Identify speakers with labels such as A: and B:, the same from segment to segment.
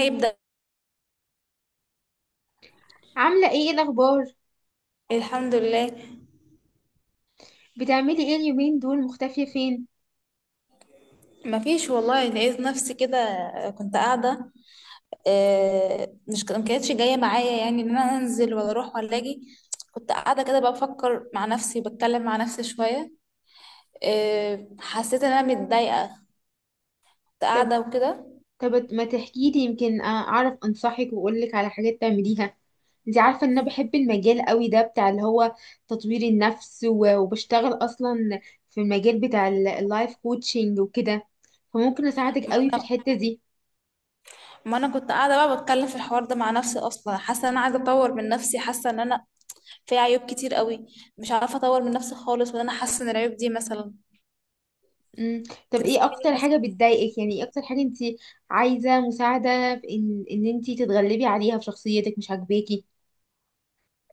A: هيبدأ.
B: عاملة ايه الأخبار؟
A: الحمد لله.
B: بتعملي ايه اليومين دول مختفية فين؟
A: مفيش والله، لقيت نفسي كده. كنت قاعدة. مش ما كانتش جاية معايا، يعني ان انا انزل ولا اروح ولا اجي. كنت قاعدة كده بقى، بفكر مع نفسي، بتكلم مع نفسي شوية. حسيت ان انا متضايقة. كنت
B: طب
A: قاعدة وكده.
B: طب ما تحكيلي يمكن أعرف أنصحك وأقولك على حاجات تعمليها. انتي عارفة ان انا بحب المجال قوي ده بتاع اللي هو تطوير النفس وبشتغل اصلا في المجال بتاع اللايف كوتشنج وكده، فممكن اساعدك قوي في الحتة دي.
A: ما انا كنت قاعدة بقى بتكلم في الحوار ده مع نفسي، اصلا حاسة ان انا عايزة اطور من نفسي، حاسة ان انا في عيوب كتير قوي. مش عارفة اطور من نفسي خالص، وان انا حاسة ان العيوب دي مثلا
B: مم. طب ايه
A: تنصحيني.
B: اكتر حاجة بتضايقك، يعني ايه اكتر حاجة انتي عايزة مساعدة في ان انتي تتغلبي عليها في شخصيتك مش عاجباكي؟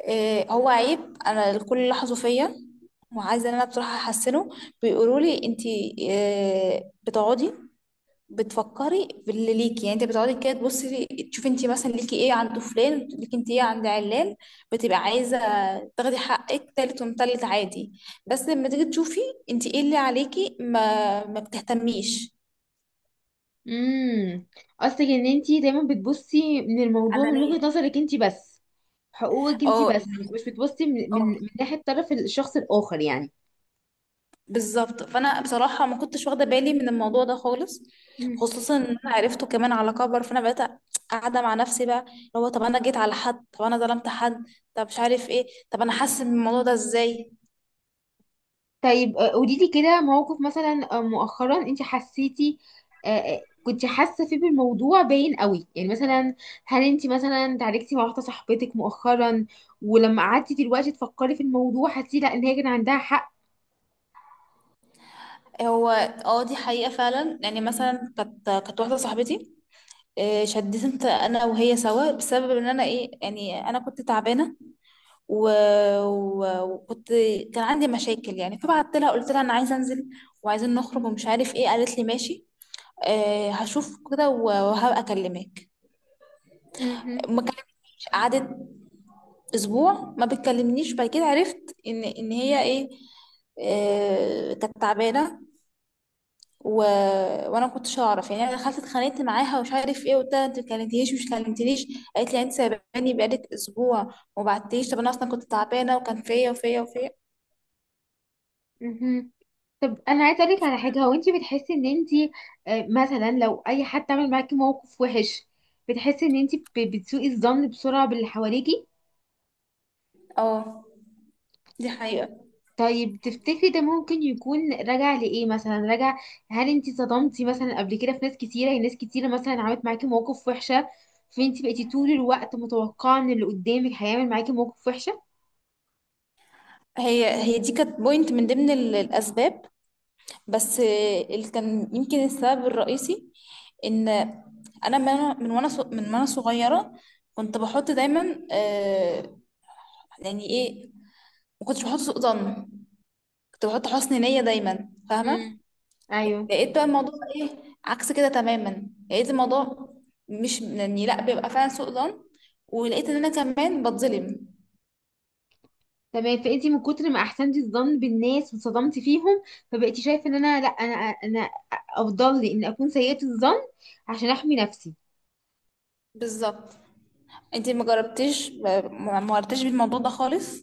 A: إيه هو عيب انا الكل لاحظه فيا، وعايزه ان انا بصراحه احسنه. بيقولوا لي: انت إيه بتقعدي بتفكري باللي ليكي؟ يعني انت بتقعدي كده تبصي تشوفي انت مثلا ليكي ايه عند فلان، ليكي انت ايه عند علان. بتبقى عايزه تاخدي حقك تالت ومتلت عادي، بس لما تيجي تشوفي انت ايه اللي عليكي ما بتهتميش.
B: امم قصدك ان انتي دايما بتبصي من الموضوع من
A: انانيه.
B: وجهة نظرك انتي بس، حقوقك انتي بس، مش بتبصي من
A: اه،
B: ناحية طرف الشخص الآخر يعني.
A: بالظبط، فانا بصراحه ما كنتش واخده بالي من الموضوع ده خالص.
B: مم.
A: خصوصا ان انا عرفته كمان على كبر، فانا بقيت قاعده مع نفسي بقى، اللي هو طب انا جيت على حد؟ طب انا ظلمت حد؟ طب مش عارف ايه، طب انا حاسه من الموضوع ده ازاي؟
B: طيب، قولي لي كده موقف مثلا مؤخرا انتي حسيتي، كنتي حاسة فيه بالموضوع باين قوي، يعني مثلا هل انتي مثلا تعاركتي مع واحدة صاحبتك مؤخرا، ولما قعدتي دلوقتي تفكري في الموضوع حسيتي لا ان هي كان عندها
A: هو، اه، دي حقيقه فعلا، يعني مثلا كانت واحده صاحبتي. شديت انا وهي سوا بسبب ان انا، ايه يعني، انا كنت تعبانه، و... وكنت كان عندي مشاكل يعني، فبعت لها قلت لها انا عايزه انزل وعايزين نخرج ومش عارف ايه، قالت لي ماشي، هشوف كده وهبقى اكلمك.
B: حق؟
A: ما كلمتنيش، قعدت اسبوع ما بتكلمنيش، بعد كده عرفت ان هي ايه، كانت تعبانه، و... وانا ما كنتش اعرف، يعني انا دخلت اتخانقت معاها ومش عارف ايه، قلت لها انت ما كلمتنيش مش كلمتنيش. قالت لي يعني انت سايباني بقالك اسبوع وما بعتليش، طب انا اصلا كنت تعبانه وكان فيا وفيا وفيا.
B: مهم. طب انا عايزه اقول لك على حاجه، هو انت بتحسي ان انت مثلا لو اي حد عمل معاكي موقف وحش بتحسي ان انت بتسوقي الظن بسرعه باللي حواليكي؟
A: اه، دي حقيقه.
B: طيب تفتكري ده ممكن يكون راجع لايه؟ مثلا هل انت صدمتي مثلا قبل كده في ناس كتيره، يعني ناس كتيره مثلا عملت معاكي مواقف وحشه فانت بقيتي طول الوقت متوقعه ان اللي قدامك هيعمل معاكي موقف وحشه؟
A: هي دي كانت بوينت من ضمن الاسباب، بس اللي كان يمكن السبب الرئيسي ان انا من من من وانا صغيره كنت بحط دايما، يعني ايه، ما كنتش بحط سوء ظن، كنت بحط حسن نيه دايما،
B: امم.
A: فاهمه.
B: ايوه.
A: لقيت بقى الموضوع ايه، عكس كده تماما، لقيت الموضوع مش يعني، لا، بيبقى فعلا سوء ظن، ولقيت ان انا كمان بتظلم.
B: تمام، فانتي من كتر ما احسنتي الظن بالناس واتصدمتي فيهم فبقيتي شايفه ان انا لا، انا افضل لي ان اكون سيئه الظن عشان احمي نفسي.
A: بالظبط. انتي ما جربتيش، ما مرتيش بالموضوع ده خالص؟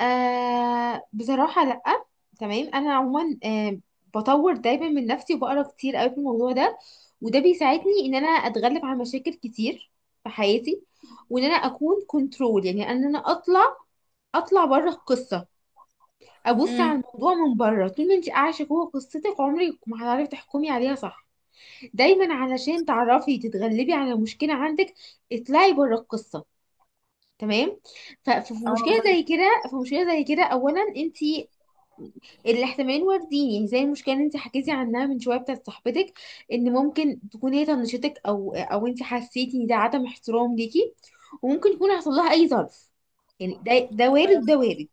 B: آه بصراحه لا. تمام، انا عموما بطور دايما من نفسي وبقرا كتير قوي في الموضوع ده، وده بيساعدني ان انا اتغلب على مشاكل كتير في حياتي، وان انا اكون كنترول، يعني ان انا اطلع بره القصه، ابص
A: امم.
B: على الموضوع من بره. طول ما انت عايشه جوه قصتك عمرك ما هتعرفي تحكمي عليها صح. دايما علشان تعرفي تتغلبي على مشكلة عندك اطلعي بره القصة، تمام؟ ففي
A: اه،
B: مشكلة زي
A: فاهمة.
B: كده، في مشكلة زي كده اولا انتي الاحتمالين واردين، يعني زي المشكلة اللي انتي حكيتي عنها من شوية بتاعت صاحبتك، ان ممكن تكون هي طنشتك، او انتي حسيتي ان ده عدم احترام ليكي، وممكن يكون حصل لها اي ظرف. يعني ده وارد، ده وارد.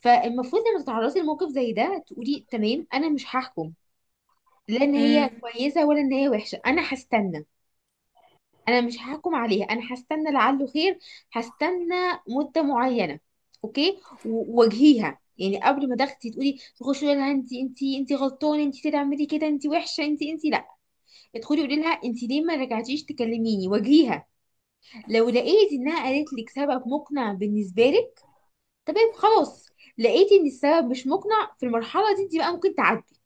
B: فالمفروض لما تتعرضي لموقف زي ده تقولي تمام، انا مش هحكم لا ان هي
A: امم.
B: كويسة ولا ان هي وحشة، انا هستنى. انا مش هحكم عليها، انا هستنى لعله خير، هستنى مده معينه، اوكي؟ وواجهيها، يعني قبل ما تاخدي تقولي تخشي تقولي لها انت غلطانه، انت تعملي كده، انت وحشه، انت لا، ادخلي قولي لها انت ليه ما رجعتيش تكلميني، واجهيها. لو لقيتي انها قالت لك سبب مقنع بالنسبه لك تمام خلاص، لقيتي ان السبب مش مقنع في المرحله دي انت بقى ممكن تعدي.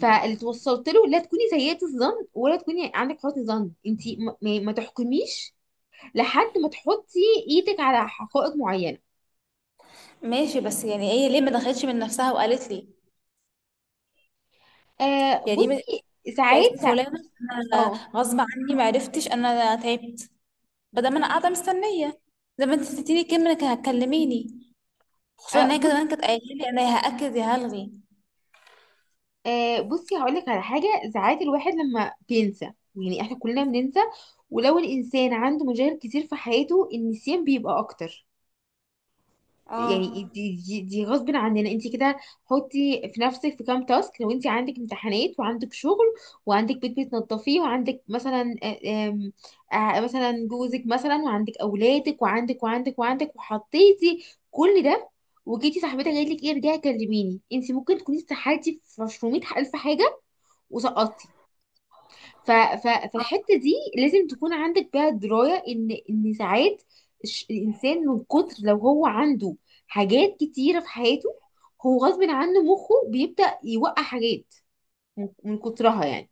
B: فاللي توصلت له لا تكوني سيئة الظن ولا تكوني عندك حسن ظن، انت ما تحكميش لحد ما تحطي ايدك على حقائق معينه.
A: ماشي، بس يعني هي ليه ما دخلتش من نفسها وقالت لي؟ يعني ما-
B: بصي،
A: قالت
B: ساعات
A: لي:
B: سا...
A: فلانة،
B: اه
A: انا غصب عني، ما عرفتش، انا تعبت، بدل ما انا قاعدة مستنية زي ما انت اديتيني كلمة انك هتكلميني. خصوصا
B: آه،
A: ان هي
B: بص.
A: كمان كانت قايلة لي: انا يا هأكد يا هلغي.
B: بصي هقول لك على حاجه، ساعات الواحد لما بينسى، يعني احنا كلنا بننسى، ولو الانسان عنده مشاغل كتير في حياته النسيان بيبقى اكتر،
A: اه.
B: يعني دي غصب عننا انت كده. حطي في نفسك في كام تاسك، لو انت عندك امتحانات وعندك شغل وعندك بيت بتنظفيه وعندك مثلا، آه، آم، آه، مثلا جوزك مثلا وعندك اولادك وعندك وعندك وعندك وحطيتي كل ده، وجيتي صاحبتك قالت لك ايه ارجعي كلميني، انت ممكن تكوني استحالتي في 100,000 حاجه وسقطتي. ف... ف... فالحته دي لازم تكون عندك بيها درايه، ان ساعات الانسان من كتر لو هو عنده حاجات كتيره في حياته هو غصب عنه مخه بيبدا يوقع حاجات من كترها يعني.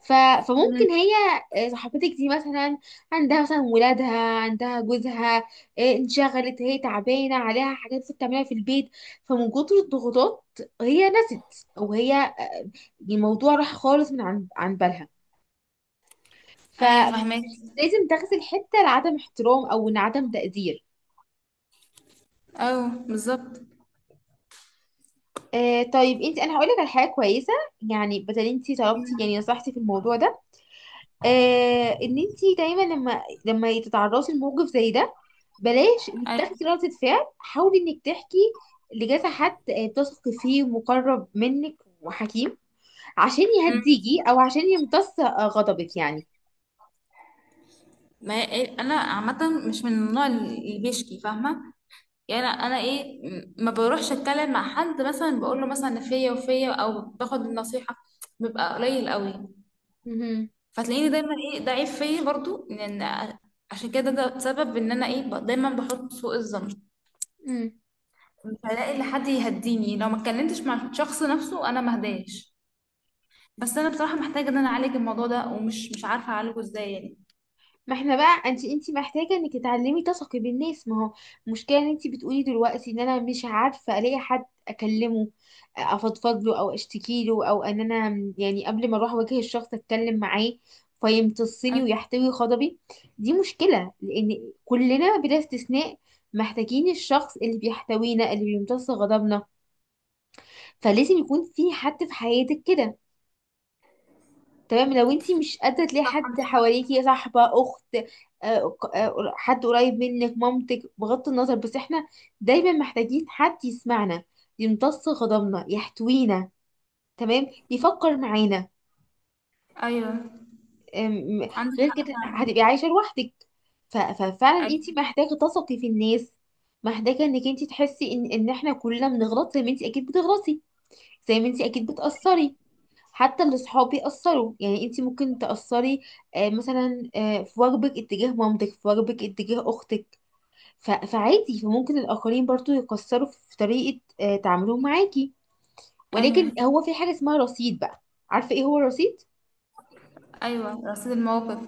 B: ف...
A: مم.
B: فممكن هي، صاحبتك دي مثلا عندها مثلا ولادها، عندها جوزها، انشغلت، هي تعبانه، عليها حاجات لسه بتعملها في البيت، فمن كتر الضغوطات هي نست، او هي الموضوع راح خالص من عن بالها.
A: ايوه، فاهمك.
B: فلازم تغزل حته لعدم احترام، او إن عدم تقدير.
A: ايوه بالظبط.
B: طيب انت، انا هقول لك على حاجه كويسه، يعني بدل انت طلبتي يعني نصحتي في الموضوع ده، ان انت دايما لما تتعرضي لموقف زي ده بلاش انك
A: أيوة.
B: تاخدي ردة فعل، حاولي انك تحكي لجاز حد بتثقي فيه ومقرب منك وحكيم، عشان
A: مم.
B: يهديكي او عشان يمتص غضبك يعني.
A: ما هي- إيه، انا عامة مش من النوع اللي بيشكي، فاهمة. يعني انا ما بروحش اتكلم مع حد، مثلا بقول له مثلا فيا وفيا، او باخد النصيحه، بيبقى قليل قوي.
B: مهم.
A: فتلاقيني دايما ده عيب فيا برضو، لان عشان كده، ده سبب ان انا دايما بحط سوء الظن.
B: مم.
A: مش هلاقي لحد يهديني، لو ما اتكلمتش مع الشخص نفسه انا ما اهداش. بس انا بصراحه محتاجه ان انا اعالج الموضوع ده، ومش مش عارفه اعالجه ازاي يعني.
B: ما احنا بقى، انت محتاجه انك تتعلمي تثقي بالناس. ما هو المشكله ان انت بتقولي دلوقتي ان انا مش عارفه الاقي حد اكلمه افضفض له او اشتكي له، او ان انا يعني قبل ما اروح اواجه الشخص اتكلم معاه فيمتصني
A: أي-
B: ويحتوي غضبي. دي مشكله، لان كلنا بلا استثناء محتاجين الشخص اللي بيحتوينا، اللي بيمتص غضبنا، فلازم يكون في حد في حياتك كده، تمام؟ لو انتي مش قادرة تلاقي حد حواليكي صاحبة، أخت، حد قريب منك، مامتك، بغض النظر، بس احنا دايما محتاجين حد يسمعنا، يمتص غضبنا، يحتوينا، تمام، يفكر معانا.
A: ايوه،
B: أم،
A: عندك
B: غير
A: حق
B: كده
A: فعلا.
B: هتبقي عايشة لوحدك. ففعلا انتي
A: أي-
B: محتاجة تثقي في الناس، محتاجة انك انتي تحسي ان احنا كلنا بنغلط زي ما انتي اكيد بتغلطي، زي ما انتي اكيد بتأثري، حتى اللي صحابي أثروا، يعني انتي ممكن تأثري، مثلا في واجبك اتجاه مامتك، في واجبك اتجاه أختك. فعادي، فممكن الآخرين برضو يقصروا في طريقة تعاملهم معاكي،
A: ايوه.
B: ولكن هو في حاجة اسمها رصيد بقى. عارفة ايه هو الرصيد؟
A: ايوه، رصيد المواقف.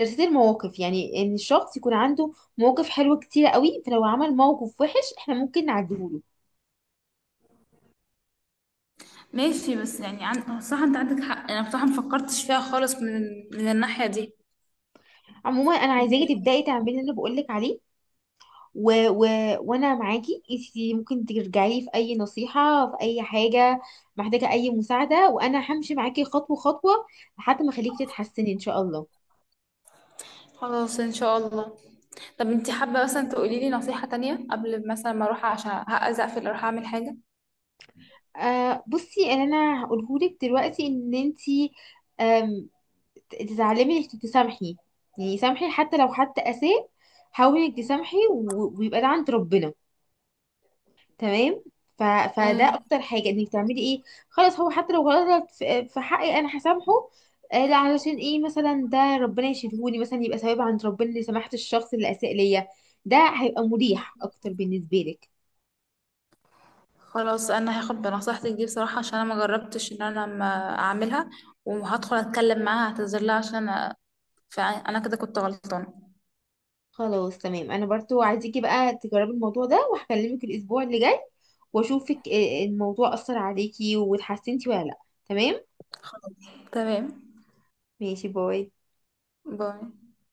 B: رصيد المواقف، يعني ان الشخص يكون عنده مواقف حلوة كتيرة قوي، فلو عمل موقف وحش احنا ممكن نعديهوله.
A: ماشي، بس يعني صح، انت عندك حق، انا بصراحة مفكرتش فيها خالص من الناحية دي.
B: عموما انا عايزاكي تبدأي تعملي اللي بقولك عليه، و... و... وانا معاكي. انتي ممكن ترجعي لي في اي نصيحه، في اي حاجه محتاجه اي مساعده، وانا همشي معاكي خطوه خطوه لحد ما اخليكي تتحسني ان شاء الله.
A: خلاص، ان شاء الله. طب انت حابة مثلا تقولي لي نصيحة تانية قبل مثلا ما اروح، عشان هقز اقفل اروح اعمل حاجة؟
B: بصي، اللي انا هقولهولك دلوقتي ان انتي، آم، تتعلمي انك تسامحي، يعني سامحي حتى لو حد اساء، حاولي انك تسامحي، ويبقى ده عند ربنا، تمام. ف... فده
A: ايوه،
B: اكتر حاجه انك تعملي ايه، خلاص، هو حتى لو غلط في حقي انا هسامحه. لا علشان ايه مثلا؟ ده ربنا يشيلهولي، مثلا يبقى ثواب عند ربنا اللي سمحت الشخص اللي اساء ليا. ده هيبقى مريح اكتر بالنسبه لك.
A: خلاص، انا هاخد بنصيحتك دي بصراحة، عشان انا ما جربتش ان انا ما اعملها، وهدخل اتكلم معاها اعتذر لها عشان فانا كده كنت غلطانة.
B: خلاص تمام، انا برضو عايزاكي بقى تجربي الموضوع ده، وهكلمك الاسبوع اللي جاي واشوفك، الموضوع اثر عليكي واتحسنتي ولا لا، تمام.
A: تمام.
B: ماشي، باي.
A: باي.